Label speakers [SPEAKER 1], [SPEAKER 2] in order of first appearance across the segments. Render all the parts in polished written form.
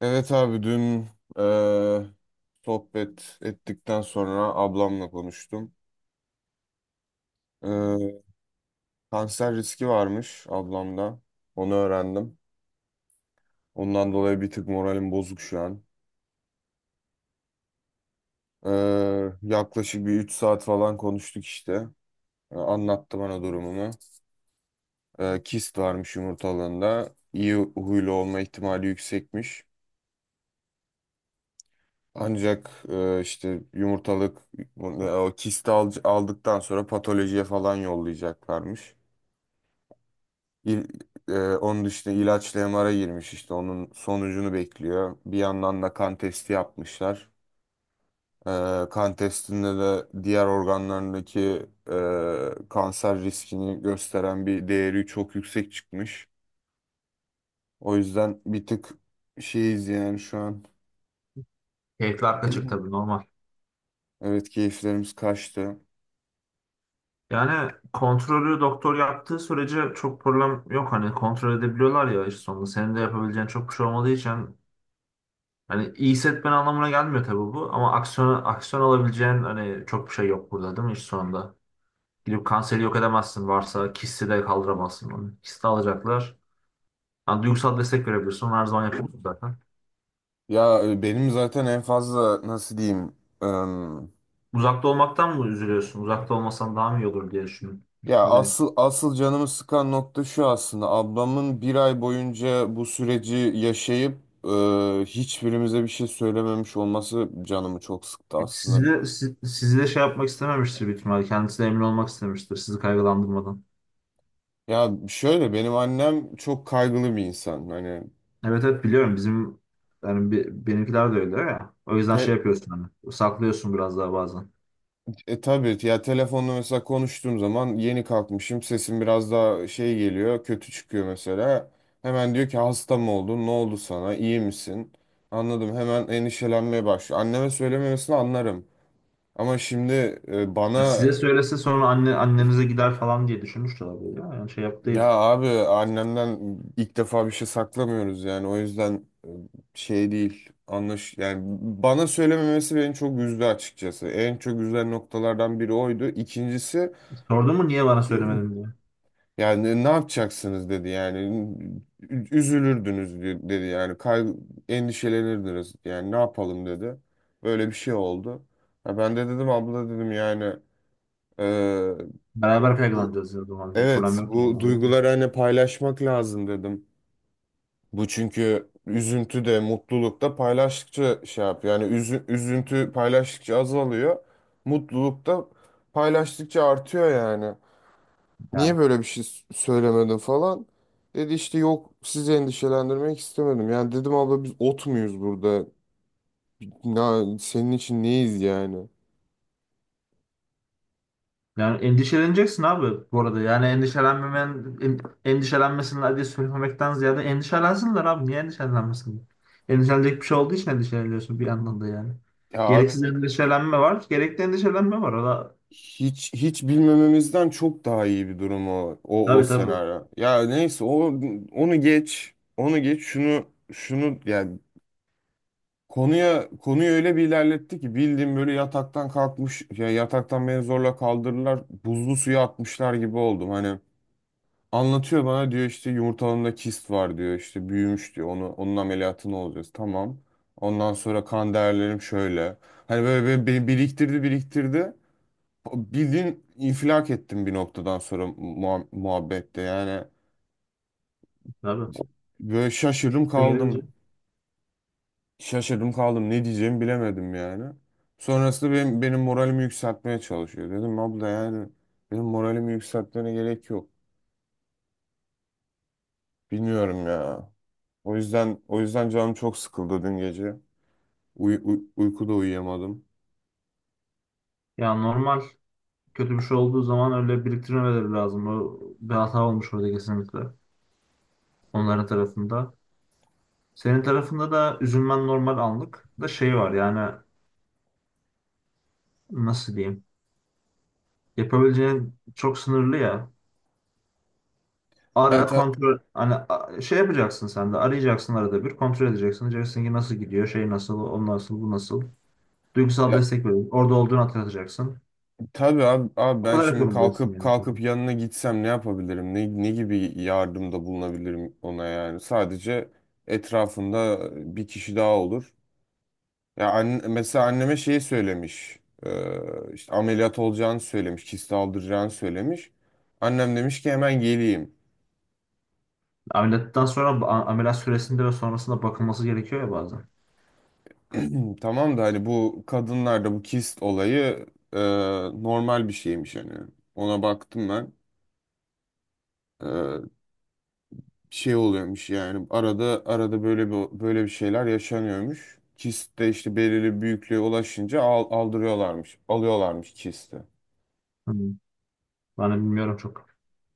[SPEAKER 1] Evet abi, dün eee, sohbet ettikten sonra ablamla konuştum. Eee, Kanser riski varmış ablamda. Onu öğrendim. Ondan dolayı bir tık moralim bozuk şu an. Yaklaşık bir 3 saat falan konuştuk işte. Anlattı bana durumunu. Kist varmış yumurtalığında. İyi huylu olma ihtimali yüksekmiş. Ancak işte yumurtalık o kisti aldıktan sonra patolojiye falan yollayacaklarmış. İl, Onun işte ilaçlı MR'a girmiş, işte onun sonucunu bekliyor. Bir yandan da kan testi yapmışlar. E, Kan testinde de diğer organlarındaki kanser riskini gösteren bir değeri çok yüksek çıkmış. O yüzden bir tık şeyiz yani şu an.
[SPEAKER 2] Keyifli haklı çık tabii normal.
[SPEAKER 1] Evet, keyiflerimiz kaçtı.
[SPEAKER 2] Yani kontrolü doktor yaptığı sürece çok problem yok. Hani kontrol edebiliyorlar ya işte sonunda. Senin de yapabileceğin çok bir şey olmadığı için hani iyi hissetmen anlamına gelmiyor tabii bu. Ama aksiyon alabileceğin hani çok bir şey yok burada değil mi iş sonunda? Gidip kanseri yok edemezsin, varsa kisti de kaldıramazsın onu. Kisti alacaklar. Yani duygusal destek verebilirsin. Onu her zaman yapıyorsun zaten.
[SPEAKER 1] Ya benim zaten en fazla nasıl diyeyim...
[SPEAKER 2] Uzakta olmaktan mı üzülüyorsun? Uzakta olmasan daha mı iyi olur diye düşündüm.
[SPEAKER 1] Ya,
[SPEAKER 2] Ne bileyim.
[SPEAKER 1] asıl asıl canımı sıkan nokta şu aslında. Ablamın bir ay boyunca bu süreci yaşayıp e, hiçbirimize bir şey söylememiş olması canımı çok sıktı aslında.
[SPEAKER 2] Sizi de şey yapmak istememiştir büyük ihtimalle. Kendisi de emin olmak istemiştir sizi kaygılandırmadan.
[SPEAKER 1] Ya şöyle, benim annem çok kaygılı bir insan. Hani,
[SPEAKER 2] Evet evet, biliyorum, bizim yani benimkiler de öyle ya. O yüzden şey
[SPEAKER 1] te,
[SPEAKER 2] yapıyorsun, hani saklıyorsun biraz daha bazen.
[SPEAKER 1] tabii ya, telefonla mesela konuştuğum zaman yeni kalkmışım, sesim biraz daha şey geliyor, kötü çıkıyor mesela. Hemen diyor ki hasta mı oldun? Ne oldu sana? İyi misin? Anladım. Hemen endişelenmeye başlıyor. Anneme söylememesini anlarım. Ama şimdi
[SPEAKER 2] Ya
[SPEAKER 1] bana,
[SPEAKER 2] size söylese sonra annenize gider falan diye düşünmüştür abi ya. Yani şey yap
[SPEAKER 1] ya
[SPEAKER 2] değil.
[SPEAKER 1] abi, annemden ilk defa bir şey saklamıyoruz yani. O yüzden şey değil anlaş yani, bana söylememesi beni çok üzdü açıkçası. En çok üzen noktalardan biri oydu. İkincisi
[SPEAKER 2] Sordun mu niye bana söylemedin diye?
[SPEAKER 1] yani, ne yapacaksınız dedi yani. Üzülürdünüz dedi yani, endişelenirdiniz yani, ne yapalım dedi. Böyle bir şey oldu. Ha, ben de dedim abla, dedim yani e,
[SPEAKER 2] Beraber
[SPEAKER 1] bu
[SPEAKER 2] kaygılanacağız ya o zaman. Bir problem
[SPEAKER 1] evet,
[SPEAKER 2] yok yani.
[SPEAKER 1] bu
[SPEAKER 2] Olur mu?
[SPEAKER 1] duyguları hani paylaşmak lazım dedim. Bu çünkü üzüntü de mutluluk da paylaştıkça şey yapıyor. Yani üzüntü paylaştıkça azalıyor. Mutluluk da paylaştıkça artıyor yani.
[SPEAKER 2] Yani
[SPEAKER 1] Niye böyle bir şey söylemedin falan? Dedi işte yok, sizi endişelendirmek istemedim. Yani dedim abla, biz ot muyuz burada? Ya senin için neyiz yani?
[SPEAKER 2] Yani endişeleneceksin abi bu arada. Yani endişelenmesinler diye söylemekten ziyade endişelensinler abi. Niye endişelenmesinler? Endişelenecek bir şey olduğu için endişeleniyorsun bir yandan da yani.
[SPEAKER 1] Ya abi.
[SPEAKER 2] Gereksiz endişelenme var, gerekli endişelenme var. O da,
[SPEAKER 1] Hiç hiç bilmememizden çok daha iyi bir durum o
[SPEAKER 2] tabii tabii.
[SPEAKER 1] senaryo. Ya neyse, onu geç. Onu geç şunu yani, konuya konuyu öyle bir ilerletti ki, bildiğim böyle yataktan kalkmış ya, yataktan beni zorla kaldırırlar buzlu suya atmışlar gibi oldum. Hani anlatıyor bana, diyor işte yumurtalığımda kist var diyor, işte büyümüş diyor, onun ameliyatını olacağız tamam. Ondan sonra kan değerlerim şöyle. Hani böyle, böyle beni biriktirdi biriktirdi. Bildiğin infilak ettim bir noktadan sonra muhabbette yani.
[SPEAKER 2] Tabii.
[SPEAKER 1] Böyle şaşırdım
[SPEAKER 2] İşte gelince.
[SPEAKER 1] kaldım. Şaşırdım kaldım. Ne diyeceğimi bilemedim yani. Sonrasında benim moralimi yükseltmeye çalışıyor. Dedim abla yani, benim moralimi yükseltmene gerek yok. Bilmiyorum ya. O yüzden canım çok sıkıldı dün gece. Uykuda uyuyamadım.
[SPEAKER 2] Ya normal, kötü bir şey olduğu zaman öyle biriktirmeleri lazım. O bir hata olmuş orada kesinlikle. Onların tarafında. Senin tarafında da üzülmen normal, anlık da şey var yani, nasıl diyeyim? Yapabileceğin çok sınırlı ya.
[SPEAKER 1] Ya,
[SPEAKER 2] Ara
[SPEAKER 1] ta-
[SPEAKER 2] kontrol, hani şey yapacaksın, sen de arayacaksın, arada bir kontrol edeceksin. Diyeceksin ki nasıl gidiyor, şey nasıl, o nasıl, bu nasıl. Duygusal
[SPEAKER 1] ya,
[SPEAKER 2] destek verin. Orada olduğunu hatırlatacaksın.
[SPEAKER 1] tabii abi
[SPEAKER 2] O
[SPEAKER 1] ben
[SPEAKER 2] kadar
[SPEAKER 1] şimdi
[SPEAKER 2] yapabiliyorsun
[SPEAKER 1] kalkıp
[SPEAKER 2] yani.
[SPEAKER 1] kalkıp yanına gitsem ne yapabilirim? Ne gibi yardımda bulunabilirim ona yani? Sadece etrafında bir kişi daha olur. Ya, mesela anneme şeyi söylemiş. İşte ameliyat olacağını söylemiş. Kist aldıracağını söylemiş. Annem demiş ki hemen geleyim.
[SPEAKER 2] Ameliyattan sonra, ameliyat süresinde ve sonrasında bakılması gerekiyor ya bazen.
[SPEAKER 1] Tamam da hani bu kadınlarda bu kist olayı e, normal bir şeymiş hani. Ona baktım ben. Şey oluyormuş yani arada arada böyle bir şeyler yaşanıyormuş. Kist de işte belirli büyüklüğe ulaşınca aldırıyorlarmış, alıyorlarmış kisti.
[SPEAKER 2] Hı. Ben de bilmiyorum çok.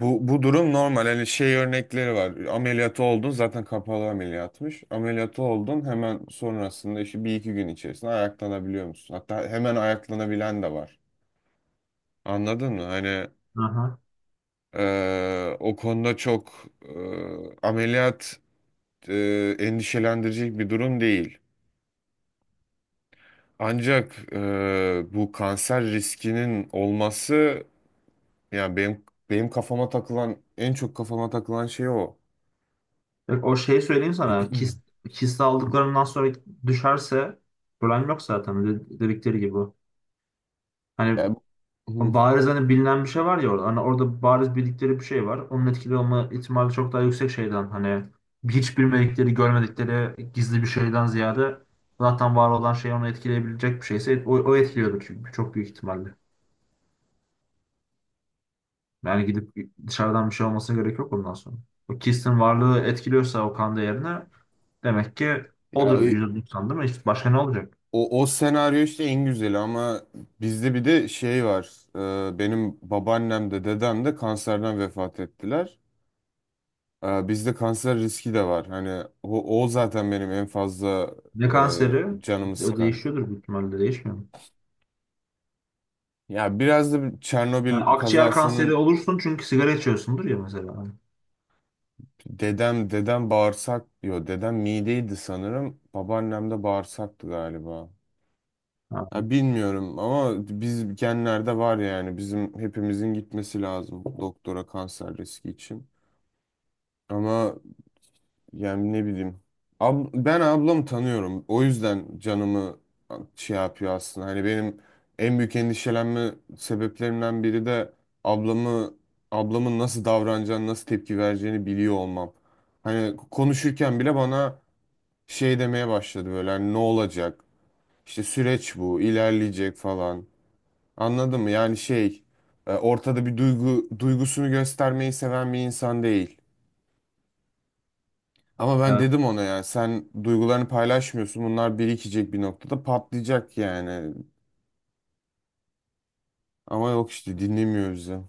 [SPEAKER 1] Bu durum normal. Hani şey örnekleri var. Ameliyatı oldun zaten, kapalı ameliyatmış. Ameliyatı oldun hemen sonrasında işte bir iki gün içerisinde ayaklanabiliyor musun? Hatta hemen ayaklanabilen de var. Anladın mı? Hani
[SPEAKER 2] Aha.
[SPEAKER 1] o konuda çok ameliyat endişelendirecek bir durum değil. Ancak bu kanser riskinin olması yani, benim kafama takılan, en çok kafama takılan şey o.
[SPEAKER 2] Bak, o şeyi söyleyeyim sana. Kist aldıklarından sonra düşerse problem yok zaten. Dedikleri gibi. Hani
[SPEAKER 1] Ya, hı,
[SPEAKER 2] o bariz, hani bilinen bir şey var ya orada. Hani orada bariz bildikleri bir şey var. Onun etkili olma ihtimali çok daha yüksek şeyden. Hani hiç bilmedikleri, görmedikleri gizli bir şeyden ziyade zaten var olan şey, onu etkileyebilecek bir şeyse o, o etkiliyordur çünkü çok büyük ihtimalle. Yani gidip dışarıdan bir şey olmasına gerek yok ondan sonra. O Kist'in varlığı etkiliyorsa o kan değerine, demek ki
[SPEAKER 1] ya
[SPEAKER 2] odur %90 değil mi? İşte başka ne olacak?
[SPEAKER 1] o senaryo işte en güzeli, ama bizde bir de şey var. Benim babaannem de dedem de kanserden vefat ettiler. Bizde kanser riski de var. Hani o zaten benim en fazla
[SPEAKER 2] Ne kanseri?
[SPEAKER 1] e, canımı
[SPEAKER 2] O
[SPEAKER 1] sıkan.
[SPEAKER 2] değişiyordur büyük ihtimalle, değişmiyor mu?
[SPEAKER 1] Ya biraz da
[SPEAKER 2] Yani
[SPEAKER 1] Çernobil
[SPEAKER 2] akciğer kanseri
[SPEAKER 1] kazasının...
[SPEAKER 2] olursun çünkü sigara içiyorsundur ya mesela.
[SPEAKER 1] Dedem bağırsak diyor. Dedem mideydi sanırım. Babaannem de bağırsaktı galiba.
[SPEAKER 2] Ha.
[SPEAKER 1] Ha, bilmiyorum ama biz genlerde var yani, bizim hepimizin gitmesi lazım doktora kanser riski için. Ama yani, ne bileyim. Ben ablamı tanıyorum. O yüzden canımı şey yapıyor aslında. Hani benim en büyük endişelenme sebeplerimden biri de ablamı ablamın nasıl davranacağını, nasıl tepki vereceğini biliyor olmam. Hani konuşurken bile bana şey demeye başladı, böyle hani ne olacak? İşte süreç bu, ilerleyecek falan. Anladın mı? Yani ortada bir duygusunu göstermeyi seven bir insan değil. Ama ben
[SPEAKER 2] Evet.
[SPEAKER 1] dedim ona yani, sen duygularını paylaşmıyorsun. Bunlar birikecek, bir noktada patlayacak yani. Ama yok işte, dinlemiyor bizi.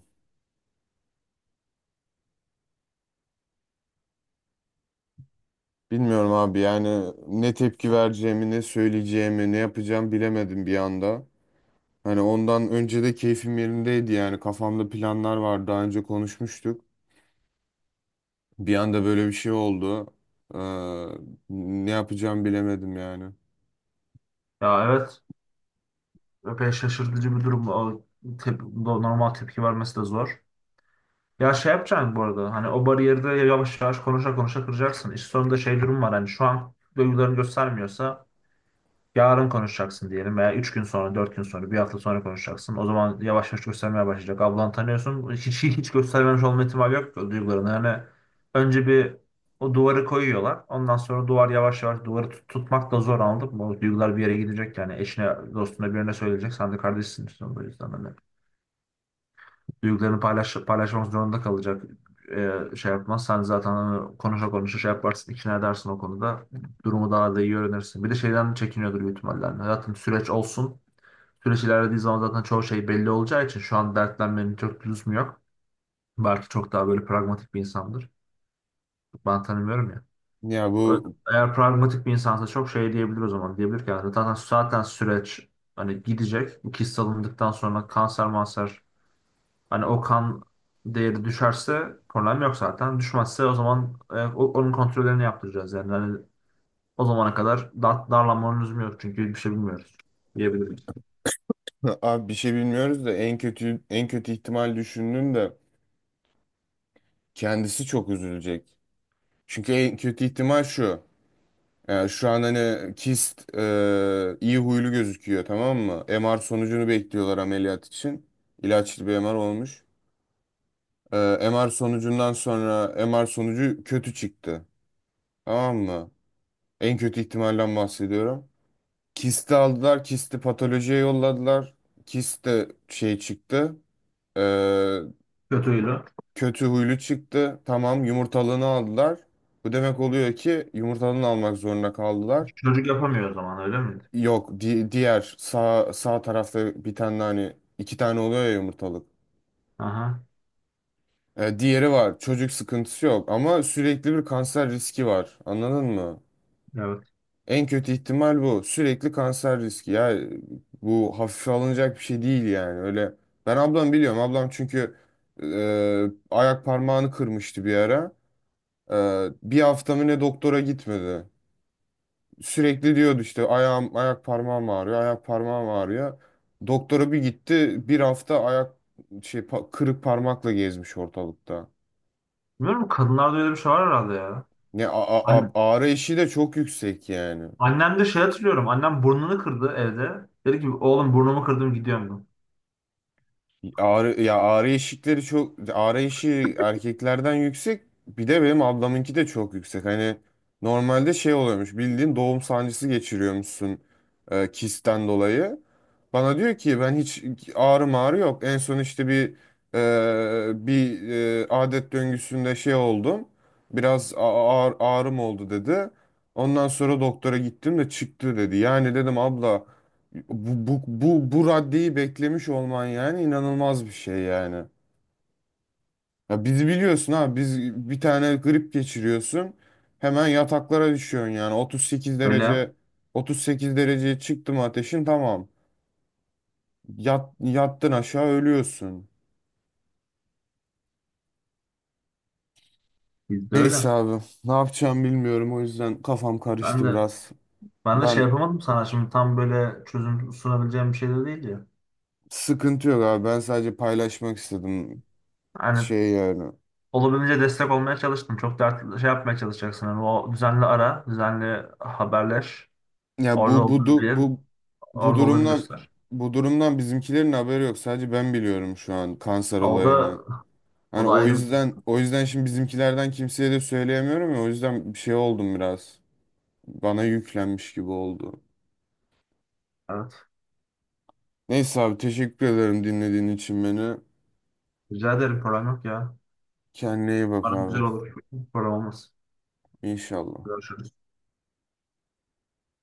[SPEAKER 1] Bilmiyorum abi yani, ne tepki vereceğimi, ne söyleyeceğimi, ne yapacağım bilemedim bir anda. Hani ondan önce de keyfim yerindeydi yani, kafamda planlar vardı, daha önce konuşmuştuk. Bir anda böyle bir şey oldu. Ee, Ne yapacağımı bilemedim yani.
[SPEAKER 2] Ya evet, epey şaşırtıcı bir durum. Normal tepki vermesi de zor. Ya şey yapacaksın bu arada, hani o bariyeri de yavaş yavaş konuşa konuşa kıracaksın. İş sonunda şey durum var, hani şu an duygularını göstermiyorsa yarın konuşacaksın diyelim, veya 3 gün sonra, 4 gün sonra, bir hafta sonra konuşacaksın. O zaman yavaş yavaş göstermeye başlayacak. Ablan, tanıyorsun. Hiç göstermemiş olma ihtimali yok o duygularını. Yani önce bir o duvarı koyuyorlar. Ondan sonra duvar yavaş yavaş, tutmak da zor, anladın mı? O duygular bir yere gidecek yani. Eşine, dostuna, birine söyleyecek. Sen de kardeşsin. İşte. O yüzden hani paylaşmak zorunda kalacak. Şey yapmazsan zaten hani konuşa konuşa şey yaparsın, ikna edersin o konuda, durumu daha da iyi öğrenirsin. Bir de şeyden çekiniyordur büyük ihtimalle. Yani hayatım süreç olsun. Süreç ilerlediği zaman zaten çoğu şey belli olacağı için şu an dertlenmenin çok lüzumu yok. Belki çok daha böyle pragmatik bir insandır. Ben tanımıyorum ya.
[SPEAKER 1] Ya
[SPEAKER 2] Ö-
[SPEAKER 1] bu...
[SPEAKER 2] Eğer pragmatik bir insansa çok şey diyebilir o zaman. Diyebilir ki yani zaten süreç hani gidecek. Bu kist alındıktan sonra kanser manser, hani o kan değeri düşerse problem yok zaten. Düşmezse o zaman onun kontrollerini yaptıracağız. Yani hani o zamana kadar darlanmanın lüzumu yok çünkü bir şey bilmiyoruz diyebiliriz.
[SPEAKER 1] Abi, bir şey bilmiyoruz da, en kötü ihtimal düşündüm de, kendisi çok üzülecek. Çünkü en kötü ihtimal şu. Yani şu an hani kist iyi huylu gözüküyor, tamam mı? MR sonucunu bekliyorlar ameliyat için. İlaçlı bir MR olmuş. E, MR sonucundan sonra, MR sonucu kötü çıktı. Tamam mı? En kötü ihtimalden bahsediyorum. Kisti aldılar, kisti patolojiye yolladılar. Kist de şey çıktı. e,
[SPEAKER 2] Kötüydü.
[SPEAKER 1] Kötü huylu çıktı. Tamam, yumurtalığını aldılar. Bu demek oluyor ki yumurtalığını almak zorunda kaldılar.
[SPEAKER 2] Çocuk yapamıyor o zaman, öyle miydi?
[SPEAKER 1] Yok, diğer, sağ tarafta bir tane, hani iki tane oluyor ya yumurtalık.
[SPEAKER 2] Aha,
[SPEAKER 1] Diğeri var. Çocuk sıkıntısı yok ama sürekli bir kanser riski var. Anladın mı?
[SPEAKER 2] evet.
[SPEAKER 1] En kötü ihtimal bu. Sürekli kanser riski. Ya, bu hafife alınacak bir şey değil yani. Öyle. Ben ablam biliyorum. Ablam çünkü e, ayak parmağını kırmıştı bir ara. Bir hafta mı ne, doktora gitmedi. Sürekli diyordu işte, ayağım, ayak parmağım ağrıyor, ayak parmağım ağrıyor. Doktora bir gitti. Bir hafta ayak, kırık parmakla gezmiş ortalıkta.
[SPEAKER 2] Bilmiyorum, kadınlarda öyle bir şey var herhalde ya.
[SPEAKER 1] Ne,
[SPEAKER 2] An-
[SPEAKER 1] ağrı eşiği de çok yüksek yani.
[SPEAKER 2] Annem de şey hatırlıyorum. Annem burnunu kırdı evde. Dedi ki oğlum, burnumu kırdım gidiyorum ben.
[SPEAKER 1] Ağrı, ya, ağrı eşikleri çok, ağrı eşiği erkeklerden yüksek, bir de benim ablamınki de çok yüksek hani, normalde şey oluyormuş, bildiğin doğum sancısı geçiriyormuşsun kistten dolayı, bana diyor ki ben hiç ağrı mağrı yok, en son işte bir adet döngüsünde şey oldum, biraz ağrım oldu dedi, ondan sonra doktora gittim de çıktı dedi yani, dedim abla, bu raddeyi beklemiş olman yani, inanılmaz bir şey yani. Ya bizi biliyorsun ha, biz bir tane grip geçiriyorsun, hemen yataklara düşüyorsun yani, 38
[SPEAKER 2] Öyle.
[SPEAKER 1] derece, 38 dereceye çıktı mı ateşin tamam. Yattın aşağı ölüyorsun.
[SPEAKER 2] Bizde
[SPEAKER 1] Neyse
[SPEAKER 2] öyle.
[SPEAKER 1] abi, ne yapacağım bilmiyorum, o yüzden kafam
[SPEAKER 2] Ben
[SPEAKER 1] karıştı
[SPEAKER 2] de
[SPEAKER 1] biraz.
[SPEAKER 2] Ben de şey
[SPEAKER 1] Ben
[SPEAKER 2] yapamadım sana, şimdi tam böyle çözüm sunabileceğim bir şey de değil ya.
[SPEAKER 1] Sıkıntı yok abi, ben sadece paylaşmak istedim
[SPEAKER 2] Yani
[SPEAKER 1] şey yani.
[SPEAKER 2] olabildiğince destek olmaya çalıştım. Çok dert şey yapmaya çalışacaksın. Yani o düzenli haberleş.
[SPEAKER 1] Ya,
[SPEAKER 2] Orada
[SPEAKER 1] bu bu
[SPEAKER 2] olduğunu
[SPEAKER 1] du-
[SPEAKER 2] bil,
[SPEAKER 1] bu bu
[SPEAKER 2] orada olduğunu
[SPEAKER 1] durumdan
[SPEAKER 2] göster.
[SPEAKER 1] bu durumdan bizimkilerin haberi yok. Sadece ben biliyorum şu an kanser
[SPEAKER 2] Ha, o
[SPEAKER 1] olayını.
[SPEAKER 2] da o
[SPEAKER 1] Hani
[SPEAKER 2] da
[SPEAKER 1] o
[SPEAKER 2] ayrı bir
[SPEAKER 1] yüzden o yüzden şimdi bizimkilerden kimseye de söyleyemiyorum ya. O yüzden bir şey oldum biraz. Bana yüklenmiş gibi oldu.
[SPEAKER 2] evet.
[SPEAKER 1] Neyse abi, teşekkür ederim dinlediğin için beni.
[SPEAKER 2] Rica ederim, program yok ya.
[SPEAKER 1] Kendine iyi bak
[SPEAKER 2] Bana güzel
[SPEAKER 1] abi.
[SPEAKER 2] olur. Program olmaz.
[SPEAKER 1] İnşallah.
[SPEAKER 2] Görüşürüz.